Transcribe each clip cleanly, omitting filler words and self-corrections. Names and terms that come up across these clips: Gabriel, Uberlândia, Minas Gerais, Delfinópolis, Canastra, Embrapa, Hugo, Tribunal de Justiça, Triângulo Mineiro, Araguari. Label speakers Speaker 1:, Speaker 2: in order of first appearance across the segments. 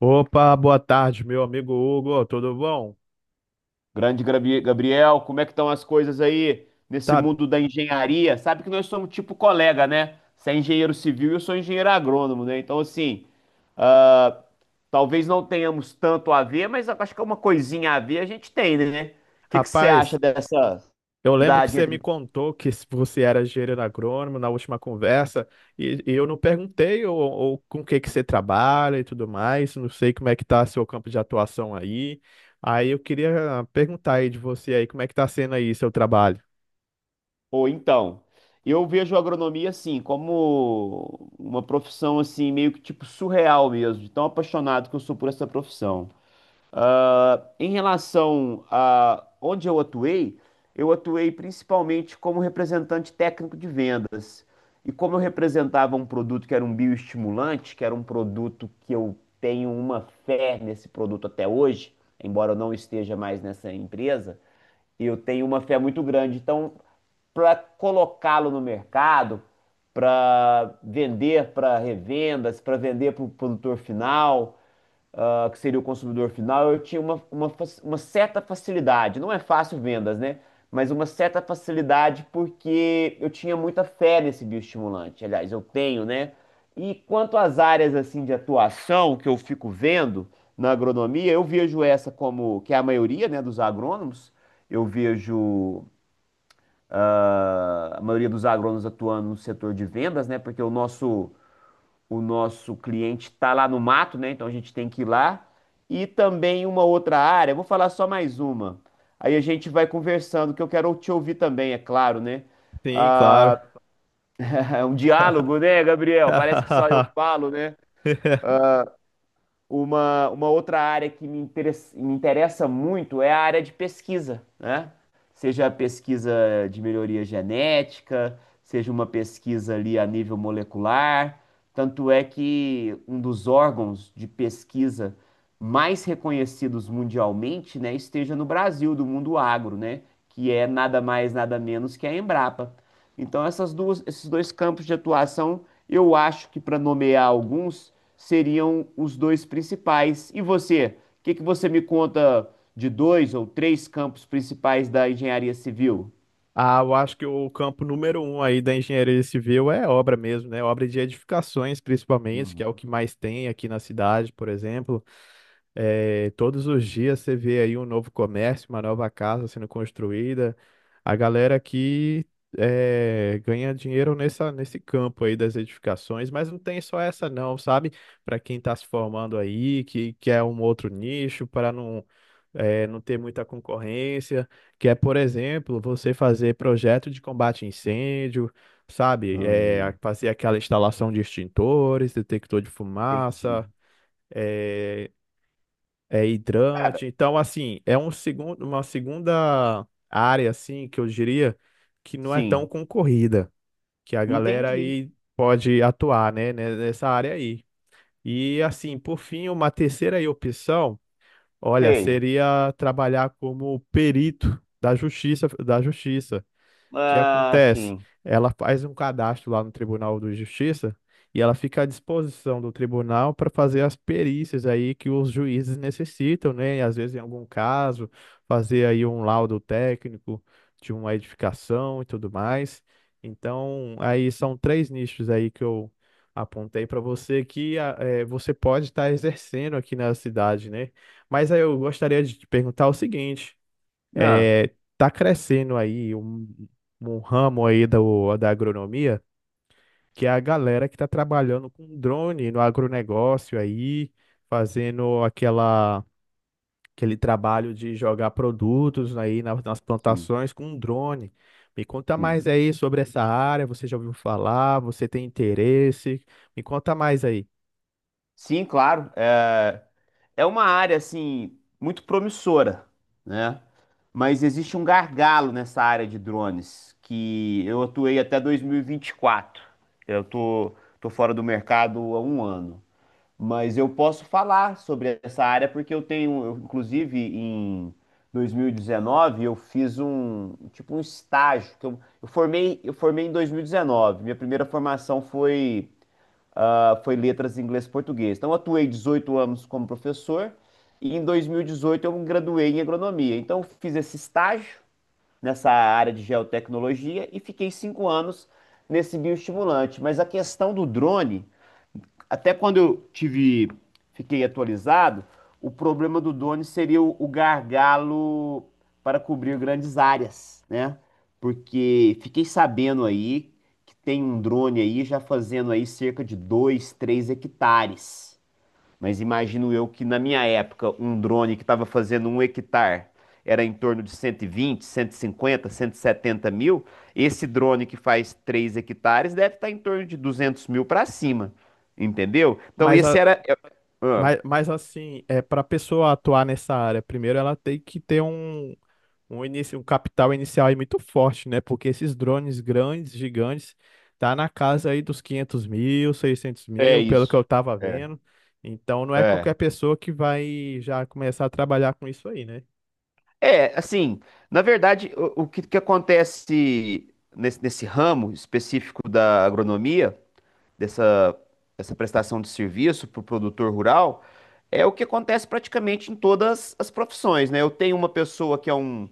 Speaker 1: Opa, boa tarde, meu amigo Hugo, tudo bom?
Speaker 2: Grande Gabriel, como é que estão as coisas aí nesse
Speaker 1: Tá,
Speaker 2: mundo da engenharia? Sabe que nós somos tipo colega, né? Você é engenheiro civil e eu sou engenheiro agrônomo, né? Então, assim, ah, talvez não tenhamos tanto a ver, mas eu acho que é uma coisinha a ver a gente tem, né? O que que você acha
Speaker 1: rapaz,
Speaker 2: dessa
Speaker 1: eu lembro que
Speaker 2: idade
Speaker 1: você me
Speaker 2: entre...
Speaker 1: contou que se você era engenheiro agrônomo na última conversa e eu não perguntei ou com o que que você trabalha e tudo mais, não sei como é que tá seu campo de atuação aí. Aí eu queria perguntar aí de você aí, como é que tá sendo aí seu trabalho?
Speaker 2: Ou então, eu vejo a agronomia, assim, como uma profissão, assim, meio que tipo surreal mesmo, de tão apaixonado que eu sou por essa profissão. Em relação a onde eu atuei principalmente como representante técnico de vendas. E como eu representava um produto que era um bioestimulante, que era um produto que eu tenho uma fé nesse produto até hoje, embora eu não esteja mais nessa empresa, eu tenho uma fé muito grande. Então, para colocá-lo no mercado, para vender para revendas, para vender para o produtor final, que seria o consumidor final, eu tinha uma certa facilidade. Não é fácil vendas, né? Mas uma certa facilidade porque eu tinha muita fé nesse bioestimulante. Aliás, eu tenho, né? E quanto às áreas assim de atuação que eu fico vendo na agronomia, eu vejo essa como que é a maioria, né, dos agrônomos. Eu vejo a maioria dos agrônomos atuando no setor de vendas, né? Porque o nosso cliente está lá no mato, né? Então a gente tem que ir lá. E também uma outra área, vou falar só mais uma. Aí a gente vai conversando, que eu quero te ouvir também, é claro, né?
Speaker 1: Sim, claro.
Speaker 2: Ah, é um diálogo, né, Gabriel? Parece que só eu falo, né? Uma outra área que me interessa muito é a área de pesquisa, né? Seja a pesquisa de melhoria genética, seja uma pesquisa ali a nível molecular. Tanto é que um dos órgãos de pesquisa mais reconhecidos mundialmente, né, esteja no Brasil, do mundo agro, né? Que é nada mais, nada menos que a Embrapa. Então, esses dois campos de atuação, eu acho que para nomear alguns, seriam os dois principais. E você? O que que você me conta de dois ou três campos principais da engenharia civil?
Speaker 1: Eu acho que o campo número 1 aí da engenharia civil é obra mesmo, né? Obra de edificações, principalmente, que
Speaker 2: Hum,
Speaker 1: é o que mais tem aqui na cidade, por exemplo. É, todos os dias você vê aí um novo comércio, uma nova casa sendo construída. A galera aqui é, ganha dinheiro nesse campo aí das edificações, mas não tem só essa não, sabe? Para quem está se formando aí, que quer um outro nicho, para não, é, não ter muita concorrência, que é, por exemplo, você fazer projeto de combate a incêndio, sabe? É,
Speaker 2: hum,
Speaker 1: fazer aquela instalação de extintores, detector de
Speaker 2: entendi.
Speaker 1: fumaça eh, é
Speaker 2: Cara,
Speaker 1: hidrante. Então, assim, uma segunda área, assim, que eu diria que não é tão
Speaker 2: sim,
Speaker 1: concorrida, que a galera
Speaker 2: entendi.
Speaker 1: aí pode atuar, né, nessa área aí. E, assim, por fim, uma terceira aí opção, olha,
Speaker 2: Sei.
Speaker 1: seria trabalhar como perito da justiça, da justiça. O que
Speaker 2: Ah,
Speaker 1: acontece?
Speaker 2: sim.
Speaker 1: Ela faz um cadastro lá no Tribunal de Justiça e ela fica à disposição do tribunal para fazer as perícias aí que os juízes necessitam, né? E às vezes, em algum caso, fazer aí um laudo técnico de uma edificação e tudo mais. Então, aí são três nichos aí que eu apontei para você que você pode estar exercendo aqui na cidade, né? Mas aí eu gostaria de te perguntar o seguinte:
Speaker 2: Ah,
Speaker 1: é, tá crescendo aí um ramo aí da agronomia, que é a galera que tá trabalhando com drone no agronegócio aí, fazendo aquele trabalho de jogar produtos aí nas
Speaker 2: sim,
Speaker 1: plantações com drone. Me conta
Speaker 2: sim.
Speaker 1: mais aí sobre essa área, você já ouviu falar, você tem interesse? Me conta mais aí.
Speaker 2: Sim, claro. É, é uma área assim muito promissora, né? Mas existe um gargalo nessa área de drones que eu atuei até 2024. Eu tô, tô fora do mercado há 1 ano, mas eu posso falar sobre essa área porque eu tenho, eu, inclusive, em 2019 eu fiz um tipo um estágio que eu formei em 2019. Minha primeira formação foi foi letras inglês-português. Então, eu atuei 18 anos como professor e em 2018 eu me graduei em agronomia. Então, eu fiz esse estágio nessa área de geotecnologia e fiquei 5 anos nesse bioestimulante. Mas a questão do drone, até quando eu tive, fiquei atualizado, o problema do drone seria o gargalo para cobrir grandes áreas, né? Porque fiquei sabendo aí que tem um drone aí já fazendo aí cerca de 2, 3 hectares. Mas imagino eu que na minha época, um drone que estava fazendo um hectare era em torno de 120, 150, 170 mil. Esse drone que faz 3 hectares deve estar em torno de 200 mil para cima, entendeu? Então
Speaker 1: Mas,
Speaker 2: esse
Speaker 1: a-
Speaker 2: ah,
Speaker 1: mas assim, é, para pessoa atuar nessa área, primeiro ela tem que ter início, um capital inicial aí muito forte, né? Porque esses drones grandes, gigantes, tá na casa aí dos 500 mil, seiscentos
Speaker 2: é
Speaker 1: mil, pelo que
Speaker 2: isso.
Speaker 1: eu tava
Speaker 2: É,
Speaker 1: vendo. Então não é
Speaker 2: é.
Speaker 1: qualquer pessoa que vai já começar a trabalhar com isso aí, né?
Speaker 2: É, assim, na verdade, que acontece nesse ramo específico da agronomia dessa, dessa prestação de serviço para o produtor rural é o que acontece praticamente em todas as profissões, né? Eu tenho uma pessoa que é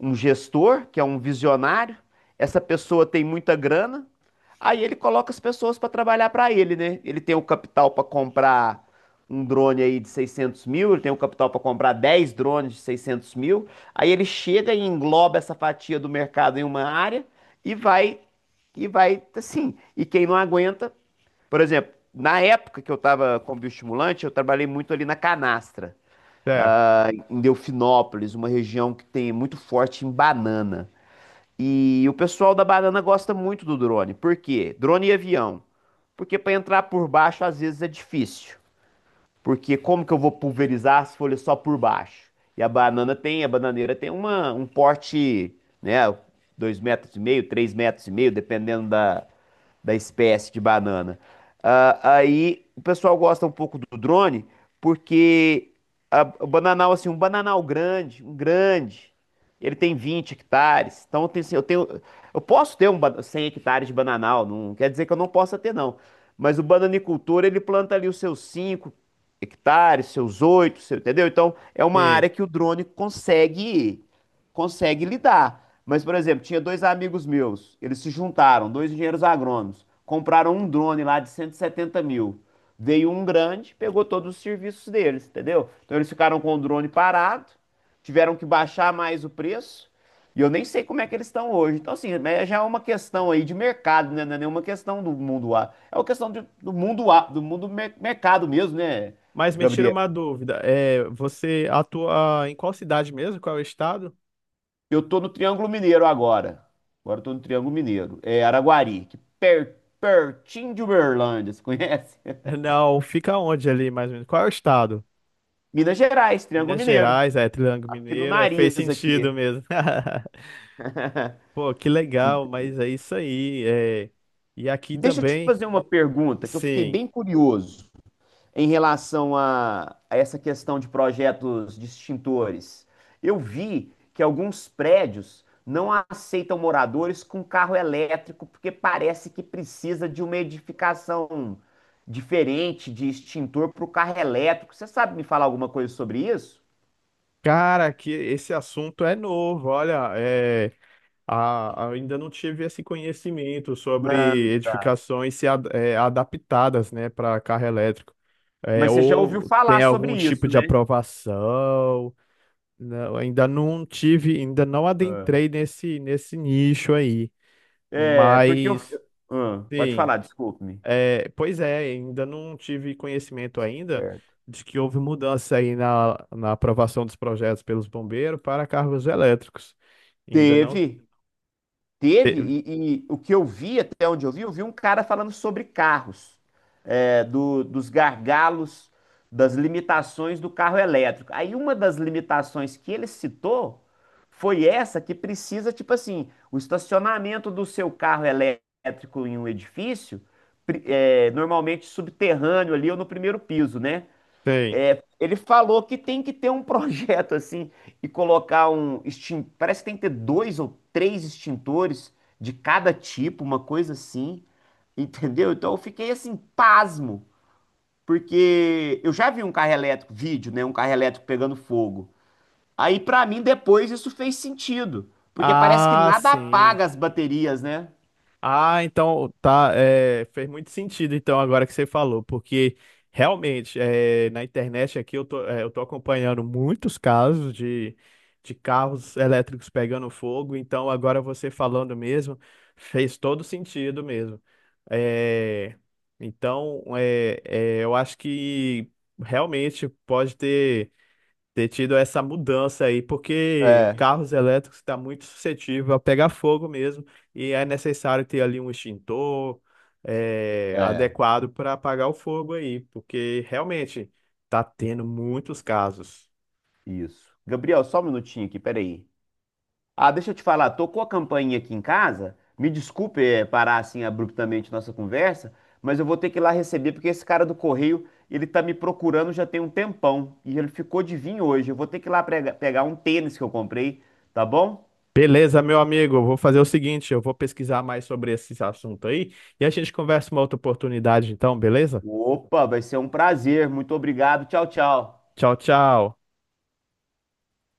Speaker 2: um gestor, que é um visionário, essa pessoa tem muita grana, aí ele coloca as pessoas para trabalhar para ele, né? Ele tem o capital para comprar um drone aí de 600 mil, ele tem o capital para comprar 10 drones de 600 mil, aí ele chega e engloba essa fatia do mercado em uma área e vai, e vai assim, e quem não aguenta, por exemplo, na época que eu estava com bioestimulante, eu trabalhei muito ali na Canastra,
Speaker 1: Certo,
Speaker 2: em Delfinópolis, uma região que tem muito forte em banana. E o pessoal da banana gosta muito do drone. Por quê? Drone e avião. Porque para entrar por baixo às vezes é difícil. Porque como que eu vou pulverizar as folhas só por baixo? E a bananeira tem um porte, né? Dois metros e meio, 3 metros e meio, dependendo da, da espécie de banana. Ah, aí o pessoal gosta um pouco do drone, porque o bananal, assim, um bananal grande, um grande, ele tem 20 hectares. Então eu tenho, assim, eu tenho- eu posso ter 100 hectares de bananal, não quer dizer que eu não possa ter, não. Mas o bananicultor, ele planta ali os seus 5 hectares, seus oito, seu, entendeu? Então, é uma
Speaker 1: sim.
Speaker 2: área que o drone consegue lidar. Mas, por exemplo, tinha dois amigos meus, eles se juntaram, dois engenheiros agrônomos, compraram um drone lá de 170 mil. Veio um grande, pegou todos os serviços deles, entendeu? Então eles ficaram com o drone parado, tiveram que baixar mais o preço, e eu nem sei como é que eles estão hoje. Então, assim, mas já é uma questão aí de mercado, né? Não é nenhuma questão do mundo A. É uma questão do mundo A, do mundo mercado mesmo, né?
Speaker 1: Mas me tira
Speaker 2: Gabriel,
Speaker 1: uma dúvida, é, você atua em qual cidade mesmo? Qual é o estado?
Speaker 2: eu tô no Triângulo Mineiro agora. Agora eu tô no Triângulo Mineiro. É Araguari, que pertinho de Uberlândia, você conhece?
Speaker 1: Não, fica onde ali mais ou menos? Qual é o estado?
Speaker 2: Minas Gerais, Triângulo
Speaker 1: Minas
Speaker 2: Mineiro.
Speaker 1: Gerais, é Triângulo
Speaker 2: Aqui no
Speaker 1: Mineiro, é, fez
Speaker 2: nariz
Speaker 1: sentido
Speaker 2: aqui.
Speaker 1: mesmo. Pô, que legal, mas é isso aí. É... E aqui
Speaker 2: Deixa eu te
Speaker 1: também,
Speaker 2: fazer uma pergunta que eu fiquei
Speaker 1: sim.
Speaker 2: bem curioso em relação a essa questão de projetos distintores. Eu vi que alguns prédios não aceitam moradores com carro elétrico porque parece que precisa de uma edificação diferente de extintor para o carro elétrico. Você sabe me falar alguma coisa sobre isso?
Speaker 1: Cara, que esse assunto é novo. Olha, é... ainda não tive esse conhecimento sobre
Speaker 2: Ah,
Speaker 1: edificações se ad- é, adaptadas, né, para carro elétrico. É,
Speaker 2: mas você já ouviu
Speaker 1: ou
Speaker 2: falar
Speaker 1: tem
Speaker 2: sobre
Speaker 1: algum tipo
Speaker 2: isso,
Speaker 1: de
Speaker 2: né?
Speaker 1: aprovação. Não, ainda não tive, ainda não
Speaker 2: Ah.
Speaker 1: adentrei nesse nicho aí.
Speaker 2: É, porque eu.
Speaker 1: Mas,
Speaker 2: Ah, pode
Speaker 1: sim.
Speaker 2: falar, desculpe-me.
Speaker 1: É, pois é, ainda não tive conhecimento ainda
Speaker 2: Certo.
Speaker 1: de que houve mudança aí na aprovação dos projetos pelos bombeiros para carros elétricos. Ainda não
Speaker 2: Teve. Teve,
Speaker 1: teve.
Speaker 2: e o que eu vi, até onde eu vi um cara falando sobre carros, é, dos gargalos, das limitações do carro elétrico. Aí uma das limitações que ele citou foi essa que precisa, tipo assim, o estacionamento do seu carro elétrico em um edifício, é, normalmente subterrâneo ali ou no primeiro piso, né?
Speaker 1: Tem.
Speaker 2: Ele falou que tem que ter um projeto assim e colocar um extin... parece que tem que ter dois ou três extintores de cada tipo, uma coisa assim, entendeu? Então eu fiquei assim pasmo, porque eu já vi um carro elétrico, vídeo, né, um carro elétrico pegando fogo. Aí pra mim depois isso fez sentido, porque parece que
Speaker 1: Ah,
Speaker 2: nada
Speaker 1: sim.
Speaker 2: apaga as baterias, né?
Speaker 1: Ah, então tá, é, fez muito sentido então agora que você falou, porque realmente é, na internet aqui eu tô, é, eu tô acompanhando muitos casos de carros elétricos pegando fogo, então agora você falando mesmo fez todo sentido mesmo. É, então é, é, eu acho que realmente pode ter ter tido essa mudança aí, porque
Speaker 2: É,
Speaker 1: carros elétricos está muito suscetível a pegar fogo mesmo e é necessário ter ali um extintor eh,
Speaker 2: é,
Speaker 1: adequado para apagar o fogo aí, porque realmente está tendo muitos casos.
Speaker 2: isso. Gabriel, só um minutinho aqui, peraí. Ah, deixa eu te falar, tocou a campainha aqui em casa. Me desculpe, parar assim abruptamente nossa conversa, mas eu vou ter que ir lá receber porque esse cara do correio, ele tá me procurando já tem um tempão e ele ficou de vir hoje. Eu vou ter que ir lá pegar um tênis que eu comprei, tá bom?
Speaker 1: Beleza, meu amigo, eu vou fazer o seguinte, eu vou pesquisar mais sobre esse assunto aí e a gente conversa uma outra oportunidade então, beleza?
Speaker 2: Opa, vai ser um prazer. Muito obrigado. Tchau, tchau.
Speaker 1: Tchau, tchau.